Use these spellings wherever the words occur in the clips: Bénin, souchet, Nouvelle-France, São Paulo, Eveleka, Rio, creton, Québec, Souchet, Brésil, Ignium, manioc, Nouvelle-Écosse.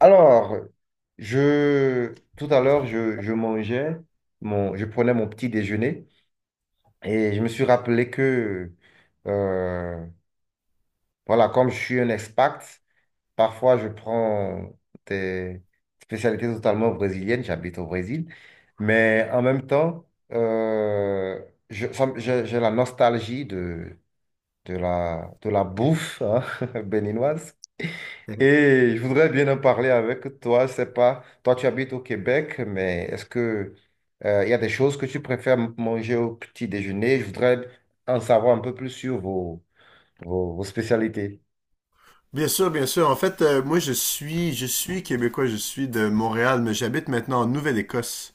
Alors, tout à l'heure, je mangeais, je prenais mon petit déjeuner et je me suis rappelé euh, voilà, comme je suis un expat, parfois je prends des spécialités totalement brésiliennes, j'habite au Brésil, mais en même temps, euh, j'ai la nostalgie de la bouffe, hein, béninoise. Et je voudrais bien en parler avec toi. Je sais pas, toi tu habites au Québec, mais est-ce que il y a des choses que tu préfères manger au petit déjeuner? Je voudrais en savoir un peu plus sur vos spécialités. Bien sûr, bien sûr. En fait, moi, je suis québécois, je suis de Montréal, mais j'habite maintenant en Nouvelle-Écosse.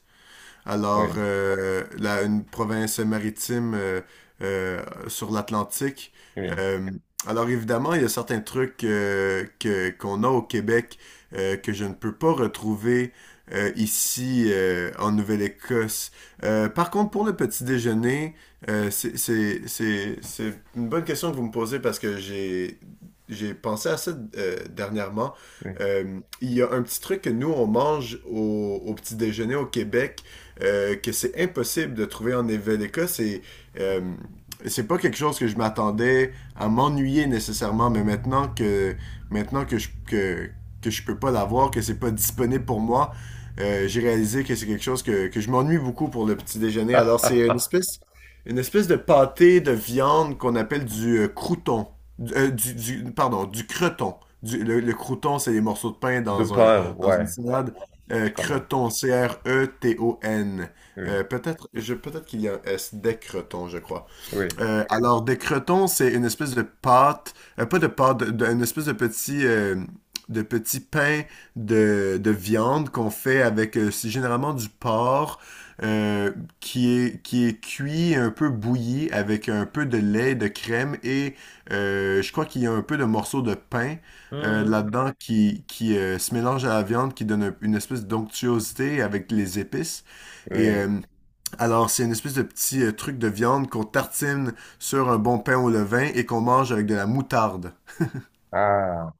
Alors, Oui, une province maritime euh, sur l'Atlantique. oui, Euh, alors, évidemment, il y a certains trucs que, qu'on a au Québec que je ne peux pas retrouver ici en Nouvelle-Écosse. Par contre, pour le petit déjeuner, c'est une bonne question que vous me posez parce que j'ai pensé à ça dernièrement. oui. Il y a un petit truc que nous, on mange au petit déjeuner au Québec que c'est impossible de trouver en Eveleka. Euh, c'est pas quelque chose que je m'attendais à m'ennuyer nécessairement, mais maintenant que je peux pas l'avoir, que c'est pas disponible pour moi, j'ai réalisé que c'est quelque chose que je m'ennuie beaucoup pour le petit déjeuner. Alors c'est une espèce de pâté de viande qu'on appelle du crouton, pardon, du creton. Le crouton, c'est les morceaux de pain De pain, dans une ouais, salade. Je connais. Creton, C-R-E-T-O-N. Oui, Peut-être je peut-être qu'il y a un S des Creton, je crois. oui. Alors, des crotons, c'est une espèce de pâte, pas de pâte, de- une espèce de petit pain de viande qu'on fait avec, c'est généralement du porc euh, qui est cuit, un peu bouilli, avec un peu de lait, de crème et je crois qu'il y a un peu de morceaux de pain Hmm. là-dedans qui, qui se mélange à la viande, qui donne un- une espèce d'onctuosité avec les épices. Et Oui. C'est une espèce de petit truc de viande qu'on tartine sur un bon pain au levain et qu'on mange avec de la moutarde. Ah,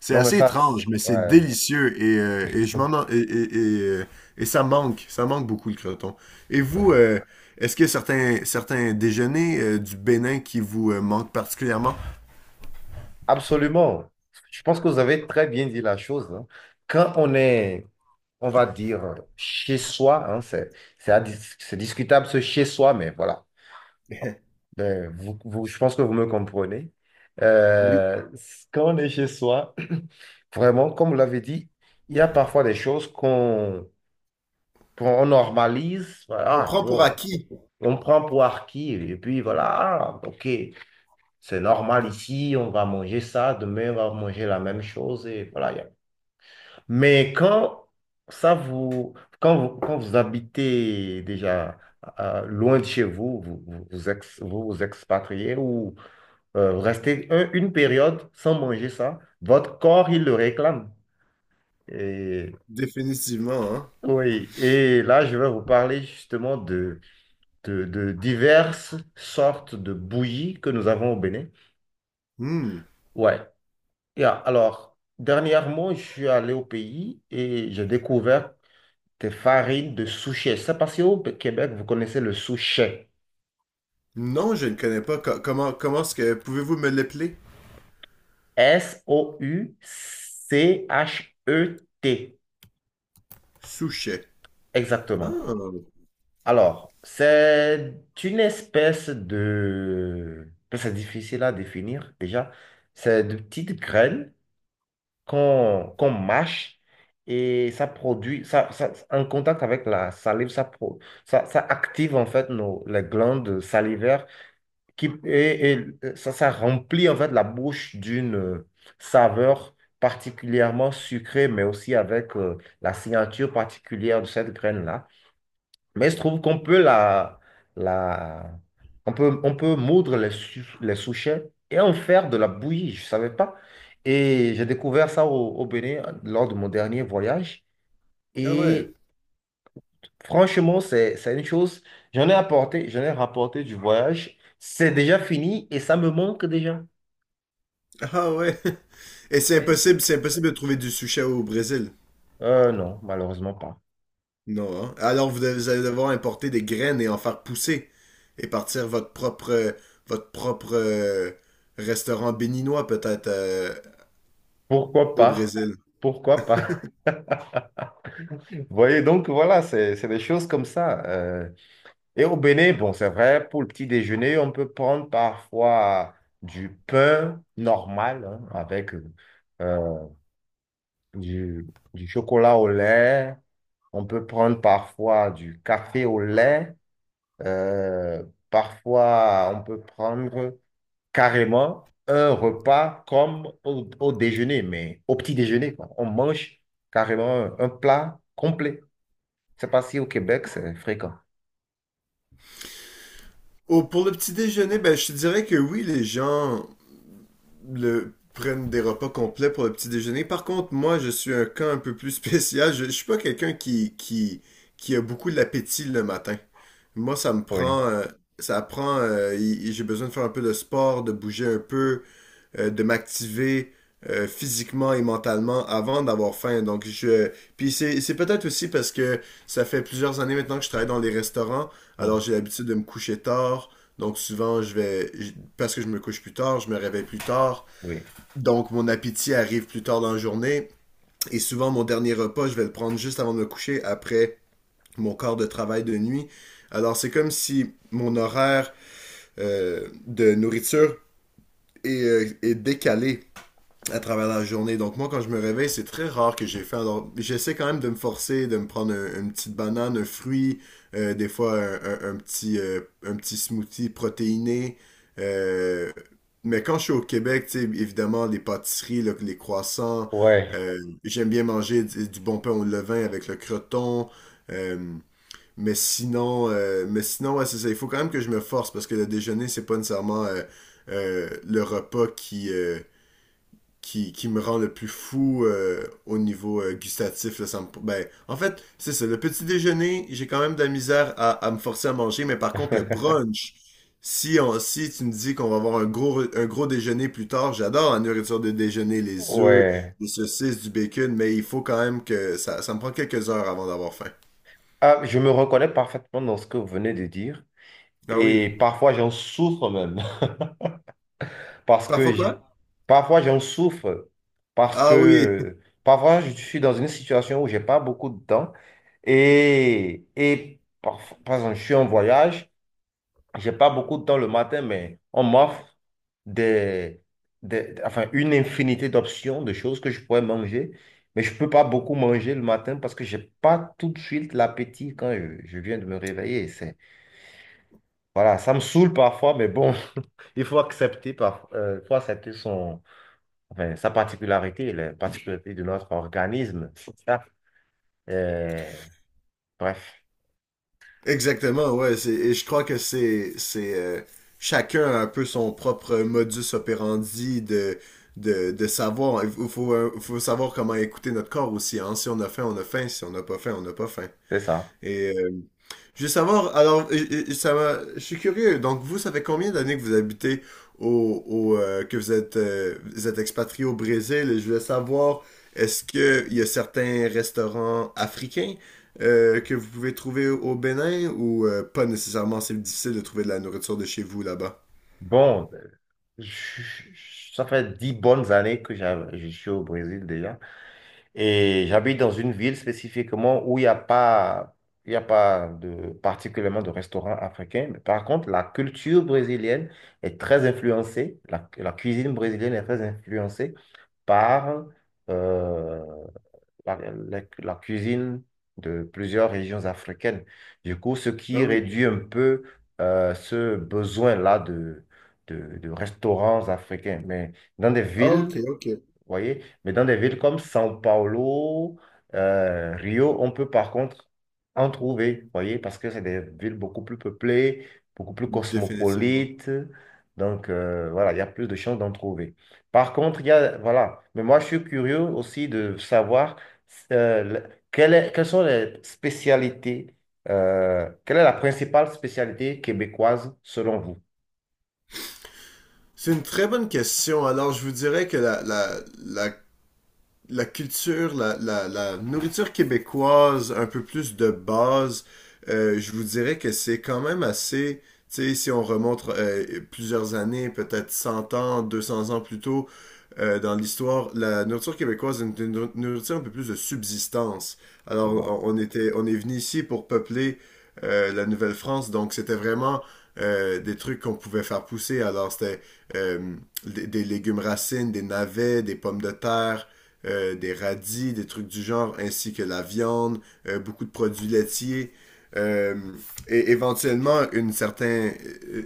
C'est non, mais assez ça, étrange, mais c'est ouais. délicieux et je m'en en- et ça manque beaucoup le croton. Et vous, est-ce qu'il y a certains, certains déjeuners du Bénin qui vous manquent particulièrement? Absolument. Je pense que vous avez très bien dit la chose, hein. Quand on est, on va dire, chez soi, hein, c'est à dis- c'est discutable, ce chez soi, mais voilà. Ben, je pense que vous me comprenez. Oui. Euh, Quand on est chez soi, vraiment, comme vous l'avez dit, il y a parfois des choses qu'on normalise. Voilà, On ah, prend pour bon, acquis, on prend pour acquis, et puis voilà, ah, ok, c'est normal ici, on va manger ça, demain on va manger la même chose, et voilà. Mais quand ça vous, quand vous, quand vous habitez déjà loin de chez vous, vous vous expatriez ou vous restez une période sans manger ça, votre corps, il le réclame. Et, définitivement, hein? oui, et là, je vais vous parler justement de diverses sortes de bouillies que nous avons au Bénin. Hmm. Ouais. Et alors, dernièrement, je suis allé au pays et j'ai découvert de farine de souchet. C'est parce qu'au Québec, vous connaissez le souchet. Non, je ne connais pas. Co- comment comment est-ce que pouvez-vous me l'appeler? Souchet. Souchet. Exactement. Ah, Alors, c'est une espèce de, c'est difficile à définir déjà. C'est de petites graines qu'on mâche et ça produit, en contact avec la salive, ça active en fait les glandes salivaires, et ça remplit en fait la bouche d'une saveur particulièrement sucrée, mais aussi avec la signature particulière de cette graine-là. Mais il se trouve qu'on peut la, la, on peut moudre les souchets et en faire de la bouillie, je ne savais pas. Et j'ai découvert ça au Bénin lors de mon dernier voyage. ah ouais. Et franchement, c'est une chose, j'en ai rapporté du voyage. C'est déjà fini et ça me manque déjà. Ah ouais. Et Oui. C'est impossible de trouver du sushi au Brésil. Non, malheureusement pas. Non, hein? Alors vous, devez- vous allez devoir importer des graines et en faire pousser et partir votre propre restaurant béninois peut-être Pourquoi au pas? Brésil. Pourquoi pas? Vous voyez, donc voilà, c'est des choses comme ça. Et au Bénin, bon, c'est vrai, pour le petit déjeuner, on peut prendre parfois du pain normal, hein, avec euh, du, du chocolat au lait. On peut prendre parfois du café au lait. Euh, Parfois, on peut prendre carrément un repas comme au déjeuner, mais au petit déjeuner, quoi. On mange carrément un plat complet. Je sais pas si au Québec, c'est fréquent. Oh, pour le petit déjeuner, ben je te dirais que oui, les gens le prennent des repas complets pour le petit déjeuner. Par contre, moi, je suis un cas un peu plus spécial. Je suis pas quelqu'un qui a beaucoup l'appétit le matin. Moi, Oui. Ça prend, j'ai besoin de faire un peu de sport, de bouger un peu, de m'activer physiquement et mentalement avant d'avoir faim. Puis c'est peut-être aussi parce que ça fait plusieurs années maintenant que je travaille dans les restaurants. Alors, Mm. j'ai l'habitude de me coucher tard. Donc souvent, parce que je me couche plus tard, je me réveille plus tard. Oui, Donc mon appétit arrive plus tard dans la journée. Et souvent, mon dernier repas, je vais le prendre juste avant de me coucher, après mon corps de travail de nuit. Alors c'est comme si mon horaire de nourriture est décalé à travers la journée. Donc moi, quand je me réveille, c'est très rare que j'ai fait. Alors, j'essaie quand même de me forcer, de me prendre une petite banane, un fruit, des fois un petit smoothie protéiné. Euh, mais quand je suis au Québec, tu sais, évidemment, les pâtisseries, les croissants, ouais, euh, j'aime bien manger du bon pain au levain avec le croton. Euh, mais sinon, ouais, c'est ça. Il faut quand même que je me force parce que le déjeuner, c'est pas nécessairement le repas qui me rend le plus fou au niveau gustatif. Là, ben, en fait, c'est ça. Le petit déjeuner, j'ai quand même de la misère à me forcer à manger, mais par contre, le brunch, si tu me dis qu'on va avoir un gros déjeuner plus tard, j'adore la nourriture de déjeuner, les œufs, ouais. les saucisses, du bacon, mais il faut quand même ça me prend quelques heures avant d'avoir faim. Ah, je me reconnais parfaitement dans ce que vous venez de dire Ah oui. et parfois j'en souffre même, parce que Parfois j'ai- quoi? parfois j'en souffre parce Ah oui. que parfois je suis dans une situation où j'ai pas beaucoup de temps et parfois, par exemple, je suis en voyage. J'ai pas beaucoup de temps le matin, mais on m'offre des, enfin, une infinité d'options, de choses que je pourrais manger. Mais je peux pas beaucoup manger le matin parce que j'ai pas tout de suite l'appétit quand je viens de me réveiller. C'est, voilà, ça me saoule parfois, mais bon, il faut accepter enfin, sa particularité, les particularités de notre organisme. Ça, euh, Bref, Exactement, ouais. Et je crois que c'est chacun a un peu son propre modus operandi de savoir. Il faut, faut savoir comment écouter notre corps aussi. Hein. Si on a faim, on a faim. Si on n'a pas faim, on n'a pas faim. c'est ça. Et je veux savoir, alors, je suis curieux. Donc, vous, ça fait combien d'années que vous habitez que vous êtes expatrié au Brésil? Et je voulais savoir, est-ce que il y a certains restaurants africains que vous pouvez trouver au Bénin ou pas nécessairement? C'est difficile de trouver de la nourriture de chez vous là-bas. Bon, je- ça fait 10 bonnes années je suis au Brésil déjà. Et j'habite dans une ville spécifiquement où il n'y a pas, il y a pas de, particulièrement de restaurants africains. Mais par contre, la cuisine brésilienne est très influencée par euh, la cuisine de plusieurs régions africaines. Du coup, ce Ah qui oui. réduit un peu ce besoin-là de, restaurants africains. Mais dans des Ah, ok, villes ok. vous voyez? Mais dans des villes comme São Paulo, Rio, on peut par contre en trouver, vous voyez? Parce que c'est des villes beaucoup plus peuplées, beaucoup plus Définitivement. cosmopolites. Donc, voilà, il y a plus de chances d'en trouver. Par contre, voilà. Mais moi, je suis curieux aussi de savoir quelles sont les spécialités, quelle est la principale spécialité québécoise selon vous? C'est une très bonne question. Alors, je vous dirais que la culture, la nourriture québécoise un peu plus de base, je vous dirais que c'est quand même assez, tu sais, si on remonte plusieurs années, peut-être 100 ans, 200 ans plus tôt, dans l'histoire, la nourriture québécoise est une nourriture un peu plus de subsistance. C'est Alors, bon. On est venu ici pour peupler la Nouvelle-France, donc c'était vraiment des trucs qu'on pouvait faire pousser. Alors, c'était euh, des légumes racines, des navets, des pommes de terre, des radis, des trucs du genre, ainsi que la viande, beaucoup de produits laitiers, euh, et éventuellement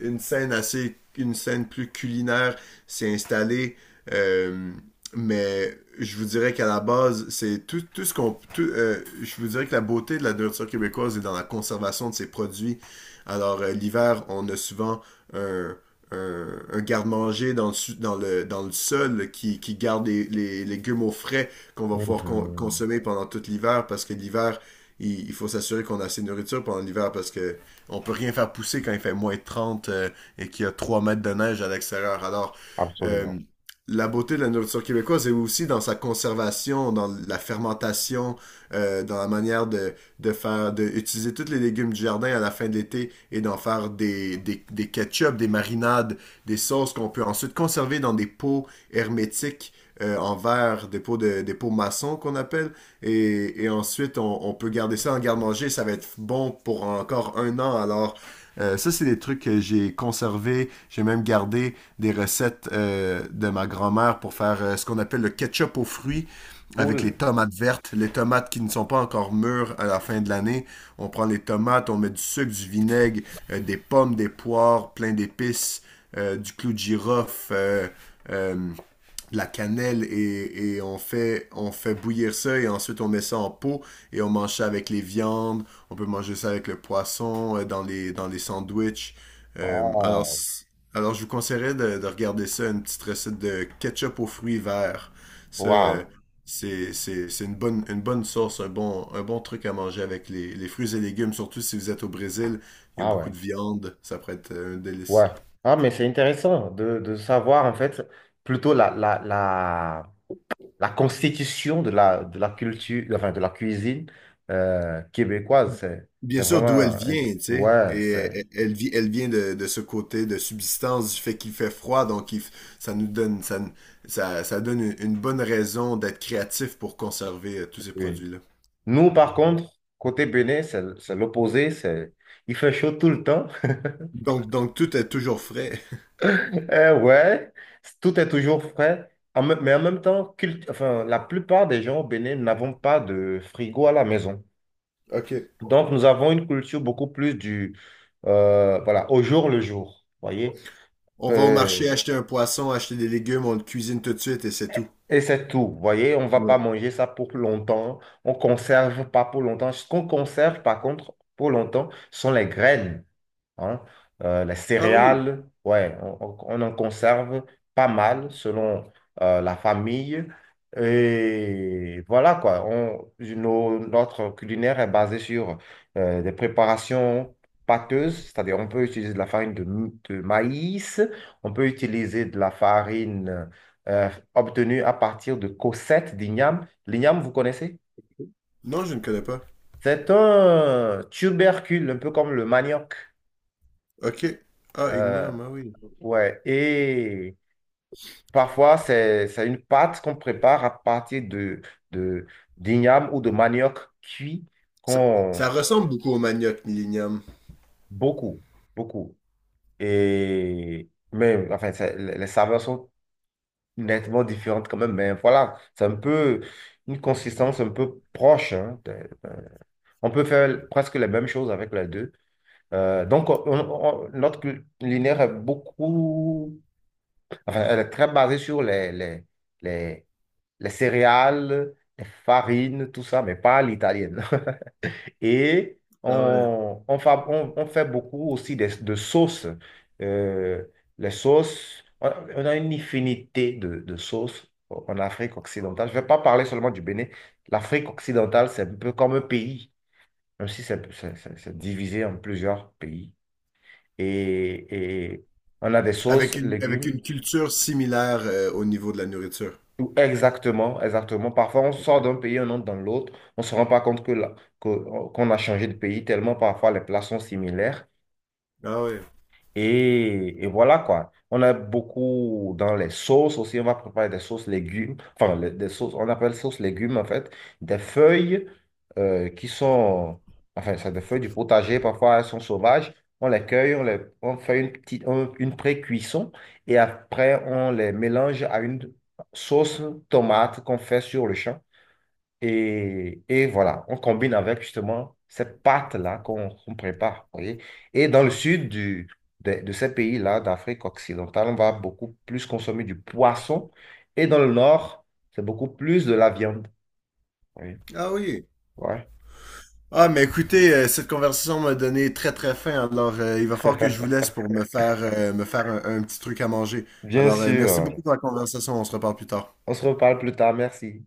une scène assez, une scène plus culinaire s'est installée. euh, mais je vous dirais qu'à la base, c'est tout, tout ce qu'on. Tout, je vous dirais que la beauté de la nourriture québécoise est dans la conservation de ses produits. Alors, l'hiver, on a souvent un, un garde-manger dans le sol là, qui garde les légumes au frais qu'on va pouvoir con- Mhm. consommer pendant tout l'hiver parce que l'hiver, il faut s'assurer qu'on a assez de nourriture pendant l'hiver parce que on peut rien faire pousser quand il fait moins de 30 et qu'il y a 3 mètres de neige à l'extérieur. Alors, Absolument. euh, la beauté de la nourriture québécoise est aussi dans sa conservation, dans la fermentation, dans la manière de faire de utiliser tous les légumes du jardin à la fin de l'été et d'en faire des ketchup, des marinades, des sauces qu'on peut ensuite conserver dans des pots hermétiques en verre, des pots maçons qu'on appelle. Et ensuite, on peut garder ça en garde-manger. Ça va être bon pour encore un an. Alors, ça, c'est des trucs que j'ai conservés. J'ai même gardé des recettes de ma grand-mère pour faire ce qu'on appelle le ketchup aux fruits avec les Cool. tomates vertes, les tomates qui ne sont pas encore mûres à la fin de l'année. On prend les tomates, on met du sucre, du vinaigre, des pommes, des poires, plein d'épices, du clou de girofle, euh, de la cannelle et on fait bouillir ça et ensuite on met ça en pot et on mange ça avec les viandes. On peut manger ça avec le poisson, dans les sandwichs. Euh, alors, Wow. Je vous conseillerais de regarder ça, une petite recette de ketchup aux fruits verts. Ça, euh, Wow. C'est une bonne sauce, un bon truc à manger avec les fruits et légumes, surtout si vous êtes au Brésil. Il y a Ah beaucoup ouais, de viande, ça pourrait être un délice. ouais. Ah, mais c'est intéressant de savoir en fait plutôt la constitution de la culture, enfin de la cuisine québécoise. C'est Bien sûr, vraiment. d'où elle un- vient, tu sais. Ouais, Et c'est. elle, elle vient de ce côté de subsistance, du fait qu'il fait froid, donc ça nous donne, ça, n- ça donne une bonne raison d'être créatif pour conserver tous ces Oui. produits-là. Nous, par contre, côté Bénin, c'est l'opposé. Il fait chaud tout le temps. Donc tout est toujours frais. Eh ouais, tout est toujours frais. Mais en même temps, enfin, la plupart des gens au Bénin n'avons pas de frigo à la maison. OK. Donc, nous avons une culture beaucoup plus voilà, au jour le jour, voyez. On va au marché Euh, acheter un poisson, acheter des légumes, on le cuisine tout de suite et c'est tout. et c'est tout, voyez. On ne va Ouais. pas manger ça pour longtemps. On conserve pas pour longtemps. Ce qu'on conserve, par contre, pour longtemps, sont les graines, hein. Les Ah oui. céréales, ouais, on en conserve pas mal selon la famille. Et voilà quoi, notre culinaire est basé sur des préparations pâteuses, c'est-à-dire on peut utiliser de la farine de maïs, on peut utiliser de la farine obtenue à partir de cossettes d'igname. L'igname, vous connaissez? Non, je ne connais pas. C'est un tubercule, un peu comme le manioc. Ok. Ah, Euh, Ignium, ah oui. Ouais. Et parfois, c'est une pâte qu'on prépare à partir de, d'igname ou de manioc cuit Ça, ça qu'on, ressemble beaucoup au manioc, l'Ignium. Beaucoup, beaucoup. Mais, enfin, les saveurs sont nettement différentes quand même, mais voilà, c'est un peu une consistance un peu proche, hein. De- on peut faire presque les mêmes choses avec les deux. Donc, notre culinaire est beaucoup, enfin, elle est très basée sur les les céréales, les farines, tout ça, mais pas à l'italienne. Et Ah ouais. on fait beaucoup aussi sauces. Euh, les sauces, on a une infinité de sauces en Afrique occidentale. Je ne vais pas parler seulement du Bénin. L'Afrique occidentale, c'est un peu comme un pays, même si c'est divisé en plusieurs pays. Et on a des sauces, Avec légumes. une culture similaire au niveau de la nourriture. Exactement, exactement. Parfois, on sort Ok. d'un pays, on entre dans l'autre. On ne se rend pas compte que, qu'on a changé de pays tellement parfois les plats sont similaires. Ah oui. Et voilà quoi. On a beaucoup dans les sauces aussi. On va préparer des sauces légumes. Enfin, des sauces, on appelle sauce légumes en fait. Des feuilles qui sont. Enfin, c'est des feuilles du potager. Parfois, elles sont sauvages. On les cueille, on fait une pré-cuisson. Et après, on les mélange à une sauce tomate qu'on fait sur le champ. Et voilà, on combine avec justement cette pâte-là qu'on prépare, vous voyez. Et dans le sud du, de ces pays-là, d'Afrique occidentale, on va beaucoup plus consommer du poisson. Et dans le nord, c'est beaucoup plus de la viande. Oui, Ah oui. ouais. Ah, mais écoutez, cette conversation m'a donné très très faim, alors il va falloir que je vous laisse pour me me faire un petit truc à manger. Bien Alors, sûr. merci beaucoup pour la conversation, on se reparle plus tard. On se reparle plus tard. Merci.